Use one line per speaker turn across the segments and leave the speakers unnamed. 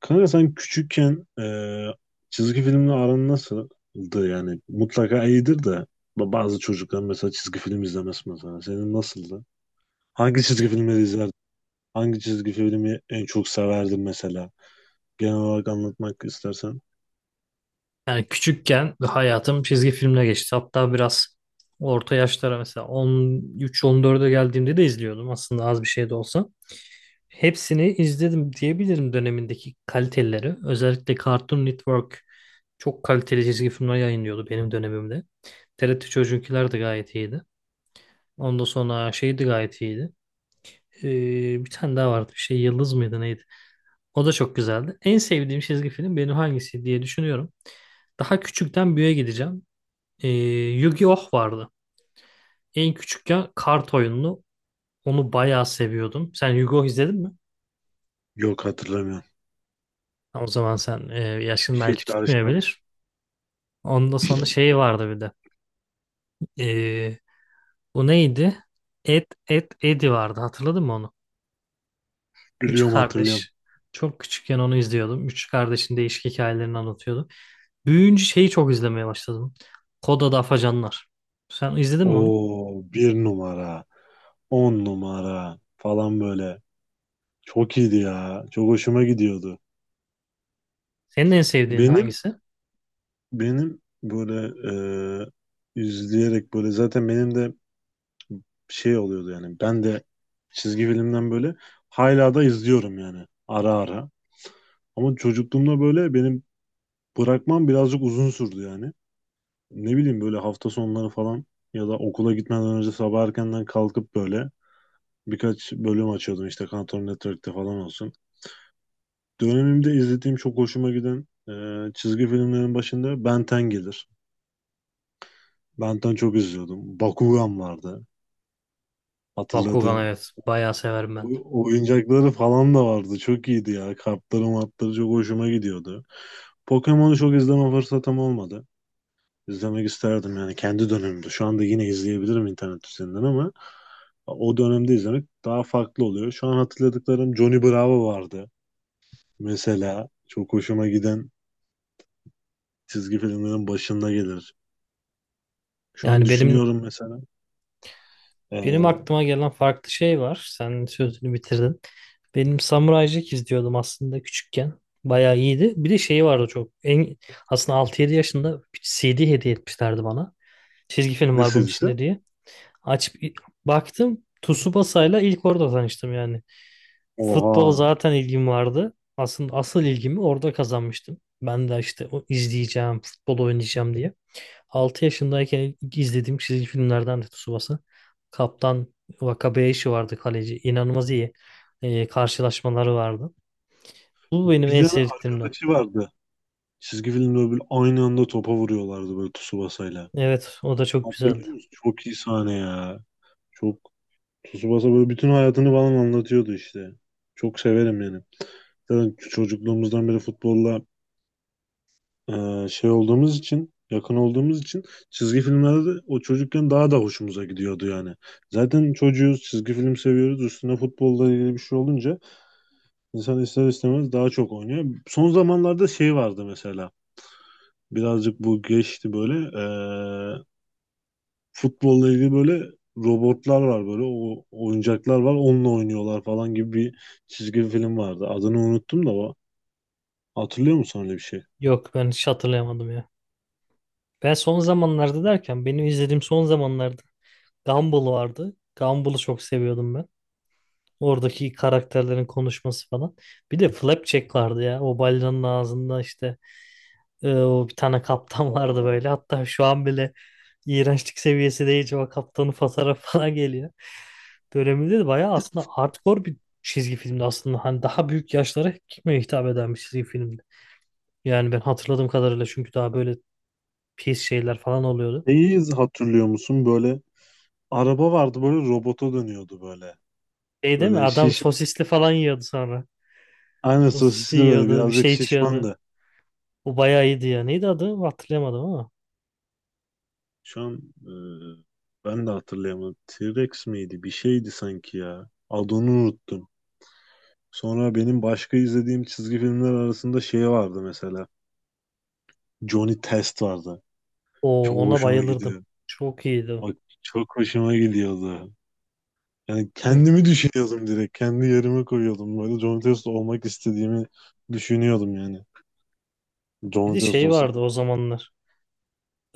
Kanka sen küçükken çizgi filmle aran nasıldı yani? Mutlaka iyidir de bazı çocuklar mesela çizgi film izlemez mesela. Senin nasıldı? Hangi çizgi filmleri izlerdin? Hangi çizgi filmi en çok severdin mesela? Genel olarak anlatmak istersen.
Yani küçükken hayatım çizgi filmle geçti. Hatta biraz orta yaşlara mesela 13-14'e geldiğimde de izliyordum aslında az bir şey de olsa. Hepsini izledim diyebilirim dönemindeki kaliteleri. Özellikle Cartoon Network çok kaliteli çizgi filmler yayınlıyordu benim dönemimde. TRT Çocuklar da gayet iyiydi. Ondan sonra şey de gayet iyiydi. Bir tane daha vardı. Bir şey Yıldız mıydı neydi? O da çok güzeldi. En sevdiğim çizgi film benim hangisi diye düşünüyorum. Daha küçükten büyüğe gideceğim. Ee, Yu-Gi-Oh vardı. En küçükken kart oyununu. Onu bayağı seviyordum. Sen Yu-Gi-Oh izledin mi?
Yok, hatırlamıyorum.
O zaman sen
Bir
yaşın
şey
belki
çağrıştırmadım.
tutmayabilir. Ondan sonra şey vardı bir de. Ee, Bu neydi? Eddie vardı. Hatırladın mı onu? Üç
Biliyorum, hatırlıyorum.
kardeş. Çok küçükken onu izliyordum. Üç kardeşin değişik hikayelerini anlatıyordu. Büyüyünce şeyi çok izlemeye başladım. Kod Adı Afacanlar. Sen izledin mi onu?
Oo, bir numara, on numara falan böyle. Çok iyiydi ya. Çok hoşuma gidiyordu.
Senin en sevdiğin
Benim
hangisi?
Benim böyle izleyerek böyle zaten benim de şey oluyordu yani ben de çizgi filmden böyle hala da izliyorum yani ara ara. Ama çocukluğumda böyle benim bırakmam birazcık uzun sürdü yani. Ne bileyim böyle hafta sonları falan ya da okula gitmeden önce sabah erkenden kalkıp böyle birkaç bölüm açıyordum işte Cartoon Network'te falan olsun. Dönemimde izlediğim çok hoşuma giden çizgi filmlerin başında Ben 10 gelir. Ben 10 çok izliyordum. Bakugan vardı.
Bakugan,
Hatırladığım
evet. Bayağı severim ben de.
oyuncakları falan da vardı. Çok iyiydi ya. Kartları martları çok hoşuma gidiyordu. Pokemon'u çok izleme fırsatım olmadı. İzlemek isterdim yani kendi dönemimde. Şu anda yine izleyebilirim internet üzerinden ama o dönemde izlemek daha farklı oluyor. Şu an hatırladıklarım Johnny Bravo vardı. Mesela çok hoşuma giden çizgi filmlerin başında gelir. Şu an
Yani benim
düşünüyorum mesela.
benim
Ee,
aklıma gelen farklı şey var. Sen sözünü bitirdin. Benim Samurai Jack izliyordum aslında küçükken. Bayağı iyiydi. Bir de şeyi vardı çok. En, aslında 6 7 yaşında bir CD hediye etmişlerdi bana. Çizgi film
ne
var bunun
dizisi?
içinde diye. Açıp baktım Tsubasa'yla ilk orada tanıştım yani. Futbola
Oha.
zaten ilgim vardı. Aslında asıl ilgimi orada kazanmıştım. Ben de işte o izleyeceğim, futbol oynayacağım diye. 6 yaşındayken ilk izlediğim çizgi filmlerden de Tsubasa. Kaptan Wakabayashi vardı kaleci. İnanılmaz iyi karşılaşmaları vardı. Bu benim
Bir
en
tane
sevdiklerimden.
arkadaşı vardı. Çizgi filmde böyle aynı anda topa vuruyorlardı böyle Tsubasa'yla.
Evet, o da çok güzeldi.
Hatırlıyor musun? Çok iyi sahne ya. Çok Tsubasa böyle bütün hayatını falan anlatıyordu işte. Çok severim yani. Zaten çocukluğumuzdan beri futbolla şey olduğumuz için, yakın olduğumuz için çizgi filmlerde de o çocukken daha da hoşumuza gidiyordu yani. Zaten çocuğuz, çizgi film seviyoruz. Üstüne futbolla ilgili bir şey olunca insan ister istemez daha çok oynuyor. Son zamanlarda şey vardı mesela. Birazcık bu geçti böyle. e, Futbolla ilgili böyle robotlar var böyle o oyuncaklar var onunla oynuyorlar falan gibi bir çizgi film vardı. Adını unuttum da o. Hatırlıyor musun öyle bir şey?
Yok, ben hiç hatırlayamadım ya. Ben son zamanlarda derken benim izlediğim son zamanlarda Gumball vardı. Gumball'ı çok seviyordum ben. Oradaki karakterlerin konuşması falan. Bir de Flapjack vardı ya. O balinanın ağzında işte o bir tane kaptan vardı
Oo.
böyle. Hatta şu an bile iğrençlik seviyesi değil. O kaptanın fotoğrafı falan geliyor. Döneminde de bayağı aslında hardcore bir çizgi filmdi aslında. Hani daha büyük yaşlara kime hitap eden bir çizgi filmdi. Yani ben hatırladığım kadarıyla çünkü daha böyle pis şeyler falan oluyordu.
Neyi hatırlıyor musun? Böyle araba vardı böyle robota dönüyordu böyle.
Şey değil mi?
Böyle
Adam
şiş
sosisli falan yiyordu sonra.
aynı
Sosisli
sosisli böyle
yiyordu, bir
birazcık
şey içiyordu.
şişmandı.
O bayağı iyiydi ya. Neydi adı? Hatırlayamadım ama.
Şu an e, ben de hatırlayamadım. T-Rex miydi? Bir şeydi sanki ya. Adını unuttum. Sonra benim başka izlediğim çizgi filmler arasında şey vardı mesela. Johnny Test vardı.
O,
Çok
ona
hoşuma
bayılırdım.
gidiyor.
Çok iyiydi o.
Bak, çok hoşuma gidiyordu. Yani
Hı.
kendimi düşünüyordum direkt. Kendi yerime koyuyordum. Böyle John Testo olmak istediğimi düşünüyordum yani.
Bir
John
de
Testo
şey vardı
olsam.
o zamanlar.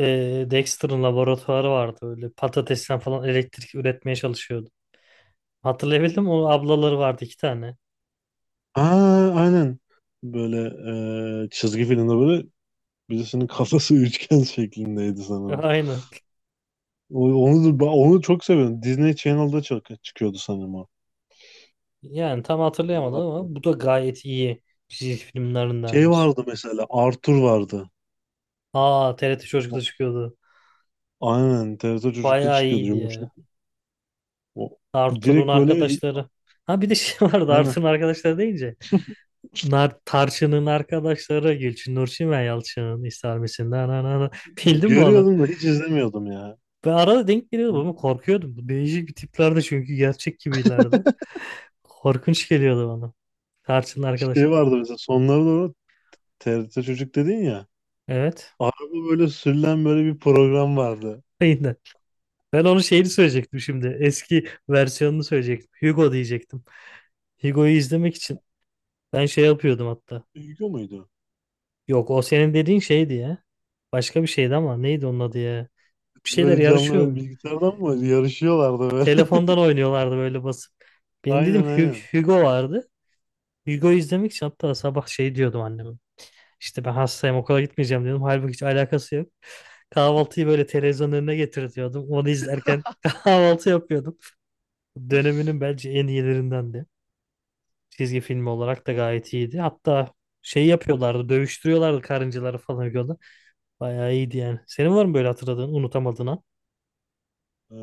Dexter'ın laboratuvarı vardı. Öyle patatesten falan elektrik üretmeye çalışıyordu. Hatırlayabildim mi? O ablaları vardı iki tane.
Aa, aynen. Böyle çizgi filmde böyle birisinin kafası üçgen şeklindeydi sanırım.
Aynen.
Onu çok seviyorum. Disney Channel'da çok çıkıyordu sanırım o.
Yani tam
Benim
hatırlayamadım ama bu
hatırladığım.
da gayet iyi çizgi
Şey
filmlerindendir.
vardı mesela Arthur vardı.
Aa, TRT Çocuk'ta
O-
çıkıyordu.
Aynen TRT çocukça
Bayağı
çıkıyordu
iyiydi
yumuşak.
ya.
O,
Arthur'un
direkt böyle.
arkadaşları. Ha bir de şey vardı
Aynen.
Arthur'un arkadaşları deyince. Nar, Tarçın'ın arkadaşları Gülçin Nurçin ve Yalçın'ın ister misin? Na, bildin mi onu?
Görüyordum da hiç izlemiyordum ya.
Ben arada denk geliyordum ama korkuyordum. Bu değişik bir tiplerdi çünkü gerçek gibilerdi. Korkunç geliyordu bana. Tarçın'ın arkadaş.
Şey vardı mesela sonlara doğru TRT Çocuk dedin ya.
Evet.
Araba böyle sürülen böyle bir program vardı.
Aynen. Ben onun şeyini söyleyecektim şimdi. Eski versiyonunu söyleyecektim. Hugo diyecektim. Hugo'yu izlemek için ben şey yapıyordum hatta.
Duygu muydu?
Yok, o senin dediğin şeydi ya. Başka bir şeydi ama neydi onun adı ya? Bir şeyler
Böyle canlı
yarışıyor
böyle
mu?
bilgisayardan mı yarışıyorlardı böyle?
Telefondan oynuyorlardı böyle basıp. Benim dedim
Aynen, aynen.
Hugo vardı. Hugo izlemek için hatta sabah şey diyordum anneme. İşte ben hastayım okula gitmeyeceğim diyordum. Halbuki hiç alakası yok. Kahvaltıyı böyle televizyonun önüne getiriyordum. Onu izlerken kahvaltı yapıyordum. Döneminin bence en iyilerindendi. Çizgi filmi olarak da gayet iyiydi. Hatta şey yapıyorlardı, dövüştürüyorlardı karıncaları falan yolda. Bayağı iyiydi yani. Senin var mı böyle hatırladığın, unutamadığın an?
Ee,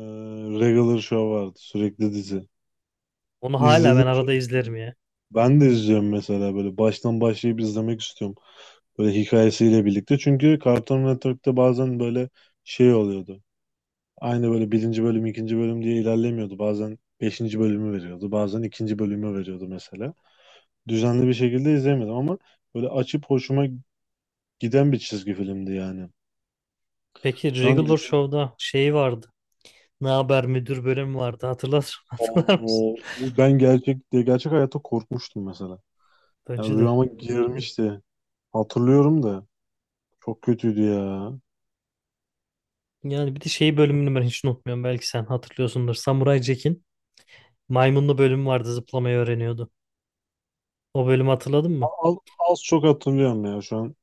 Regular Show vardı sürekli dizi.
Onu hala ben
İzledim çok.
arada izlerim ya.
Ben de izliyorum mesela böyle baştan başlayıp izlemek istiyorum. Böyle hikayesiyle birlikte. Çünkü Cartoon Network'te bazen böyle şey oluyordu. Aynı böyle birinci bölüm, ikinci bölüm diye ilerlemiyordu. Bazen beşinci bölümü veriyordu. Bazen ikinci bölümü veriyordu mesela. Düzenli bir şekilde izlemedim ama böyle açıp hoşuma giden bir çizgi filmdi yani.
Peki
Şu an
Regular
düşün,
Show'da şey vardı. Ne haber müdür bölümü vardı hatırlar mısın?
o, ben gerçek hayatta korkmuştum mesela. Yani
Bence de.
rüyama girmişti. Hatırlıyorum da çok kötüydü ya.
Yani bir de şey bölümünü ben hiç unutmuyorum. Belki sen hatırlıyorsundur. Samuray Jack'in maymunlu bölümü vardı zıplamayı öğreniyordu. O bölümü hatırladın mı?
Az, az çok hatırlıyorum ya şu an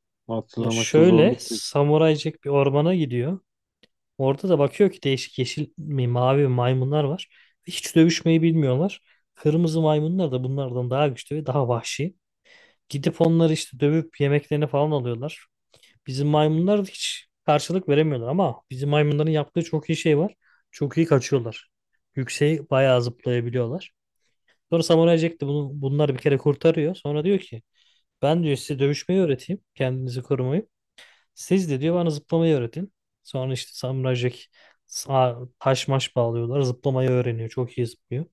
Ya
hatırlamakta
şöyle
zorluk çekiyorum.
Samuray Jack bir ormana gidiyor. Orada da bakıyor ki değişik yeşil mi mavi maymunlar var. Hiç dövüşmeyi bilmiyorlar. Kırmızı maymunlar da bunlardan daha güçlü ve daha vahşi. Gidip onları işte dövüp yemeklerini falan alıyorlar. Bizim maymunlar hiç karşılık veremiyorlar ama bizim maymunların yaptığı çok iyi şey var. Çok iyi kaçıyorlar. Yükseği bayağı zıplayabiliyorlar. Sonra Samuray Jack de bunları bir kere kurtarıyor. Sonra diyor ki ben diyor size dövüşmeyi öğreteyim. Kendinizi korumayı. Siz de diyor bana zıplamayı öğretin. Sonra işte Samuray Jack taş maş bağlıyorlar. Zıplamayı öğreniyor. Çok iyi zıplıyor.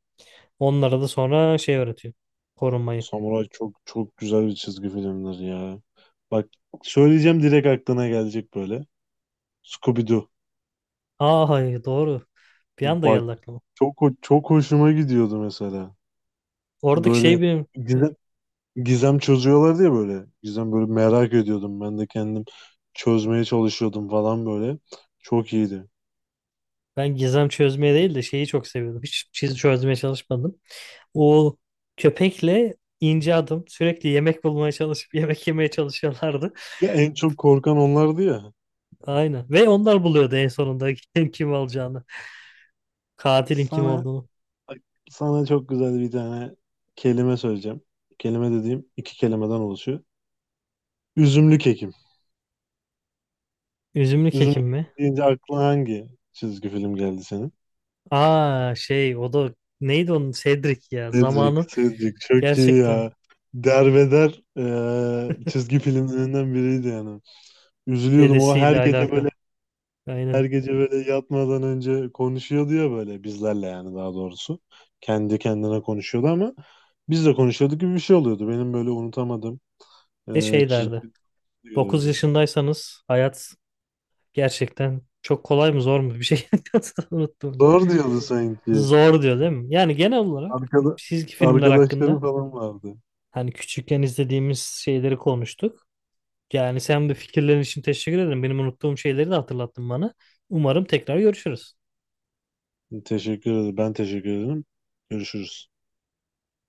Onlara da sonra şey öğretiyor. Korunmayı.
Samuray çok çok güzel bir çizgi filmdir ya. Bak, söyleyeceğim direkt aklına gelecek böyle. Scooby-Doo.
Aa hayır, doğru. Bir anda geldi
Bak,
aklıma.
çok hoşuma gidiyordu mesela.
Oradaki şey
Böyle
benim.
gizem, gizem çözüyorlardı ya böyle. Gizem böyle merak ediyordum. Ben de kendim çözmeye çalışıyordum falan böyle. Çok iyiydi.
Ben gizem çözmeye değil de şeyi çok seviyordum. Hiç çiz çözmeye çalışmadım. O köpekle ince adım sürekli yemek bulmaya çalışıp yemek yemeye çalışıyorlardı.
Ve en çok korkan onlardı ya.
Aynen. Ve onlar buluyordu en sonunda kim alacağını. Katilin kim
Sana
olduğunu.
sana çok güzel bir tane kelime söyleyeceğim. Kelime dediğim iki kelimeden oluşuyor. Üzümlük Ekim.
Üzümlü
Üzümlük
kekim mi?
Ekim deyince aklına hangi çizgi film geldi senin?
Aa, şey o da neydi onun, Cedric ya.
Cedric,
Zamanın
Cedric çok iyi
gerçekten
ya. Derbeder çizgi filmlerinden biriydi yani. Üzülüyordum o her
dedesiyle
gece böyle,
alaka.
her
Aynen.
gece böyle yatmadan önce konuşuyordu ya böyle bizlerle, yani daha doğrusu. Kendi kendine konuşuyordu ama biz de konuşuyorduk gibi bir şey oluyordu. Benim böyle unutamadığım
Ne şey derdi.
çizgi
9
film.
yaşındaysanız hayat gerçekten çok kolay mı zor mu bir şey unuttum.
Zor diyordu sanki.
Zor diyor değil mi? Yani genel olarak
Arkada,
çizgi filmler
arkadaşları
hakkında
falan vardı.
hani küçükken izlediğimiz şeyleri konuştuk. Yani sen de fikirlerin için teşekkür ederim. Benim unuttuğum şeyleri de hatırlattın bana. Umarım tekrar görüşürüz.
Teşekkür ederim. Ben teşekkür ederim. Görüşürüz.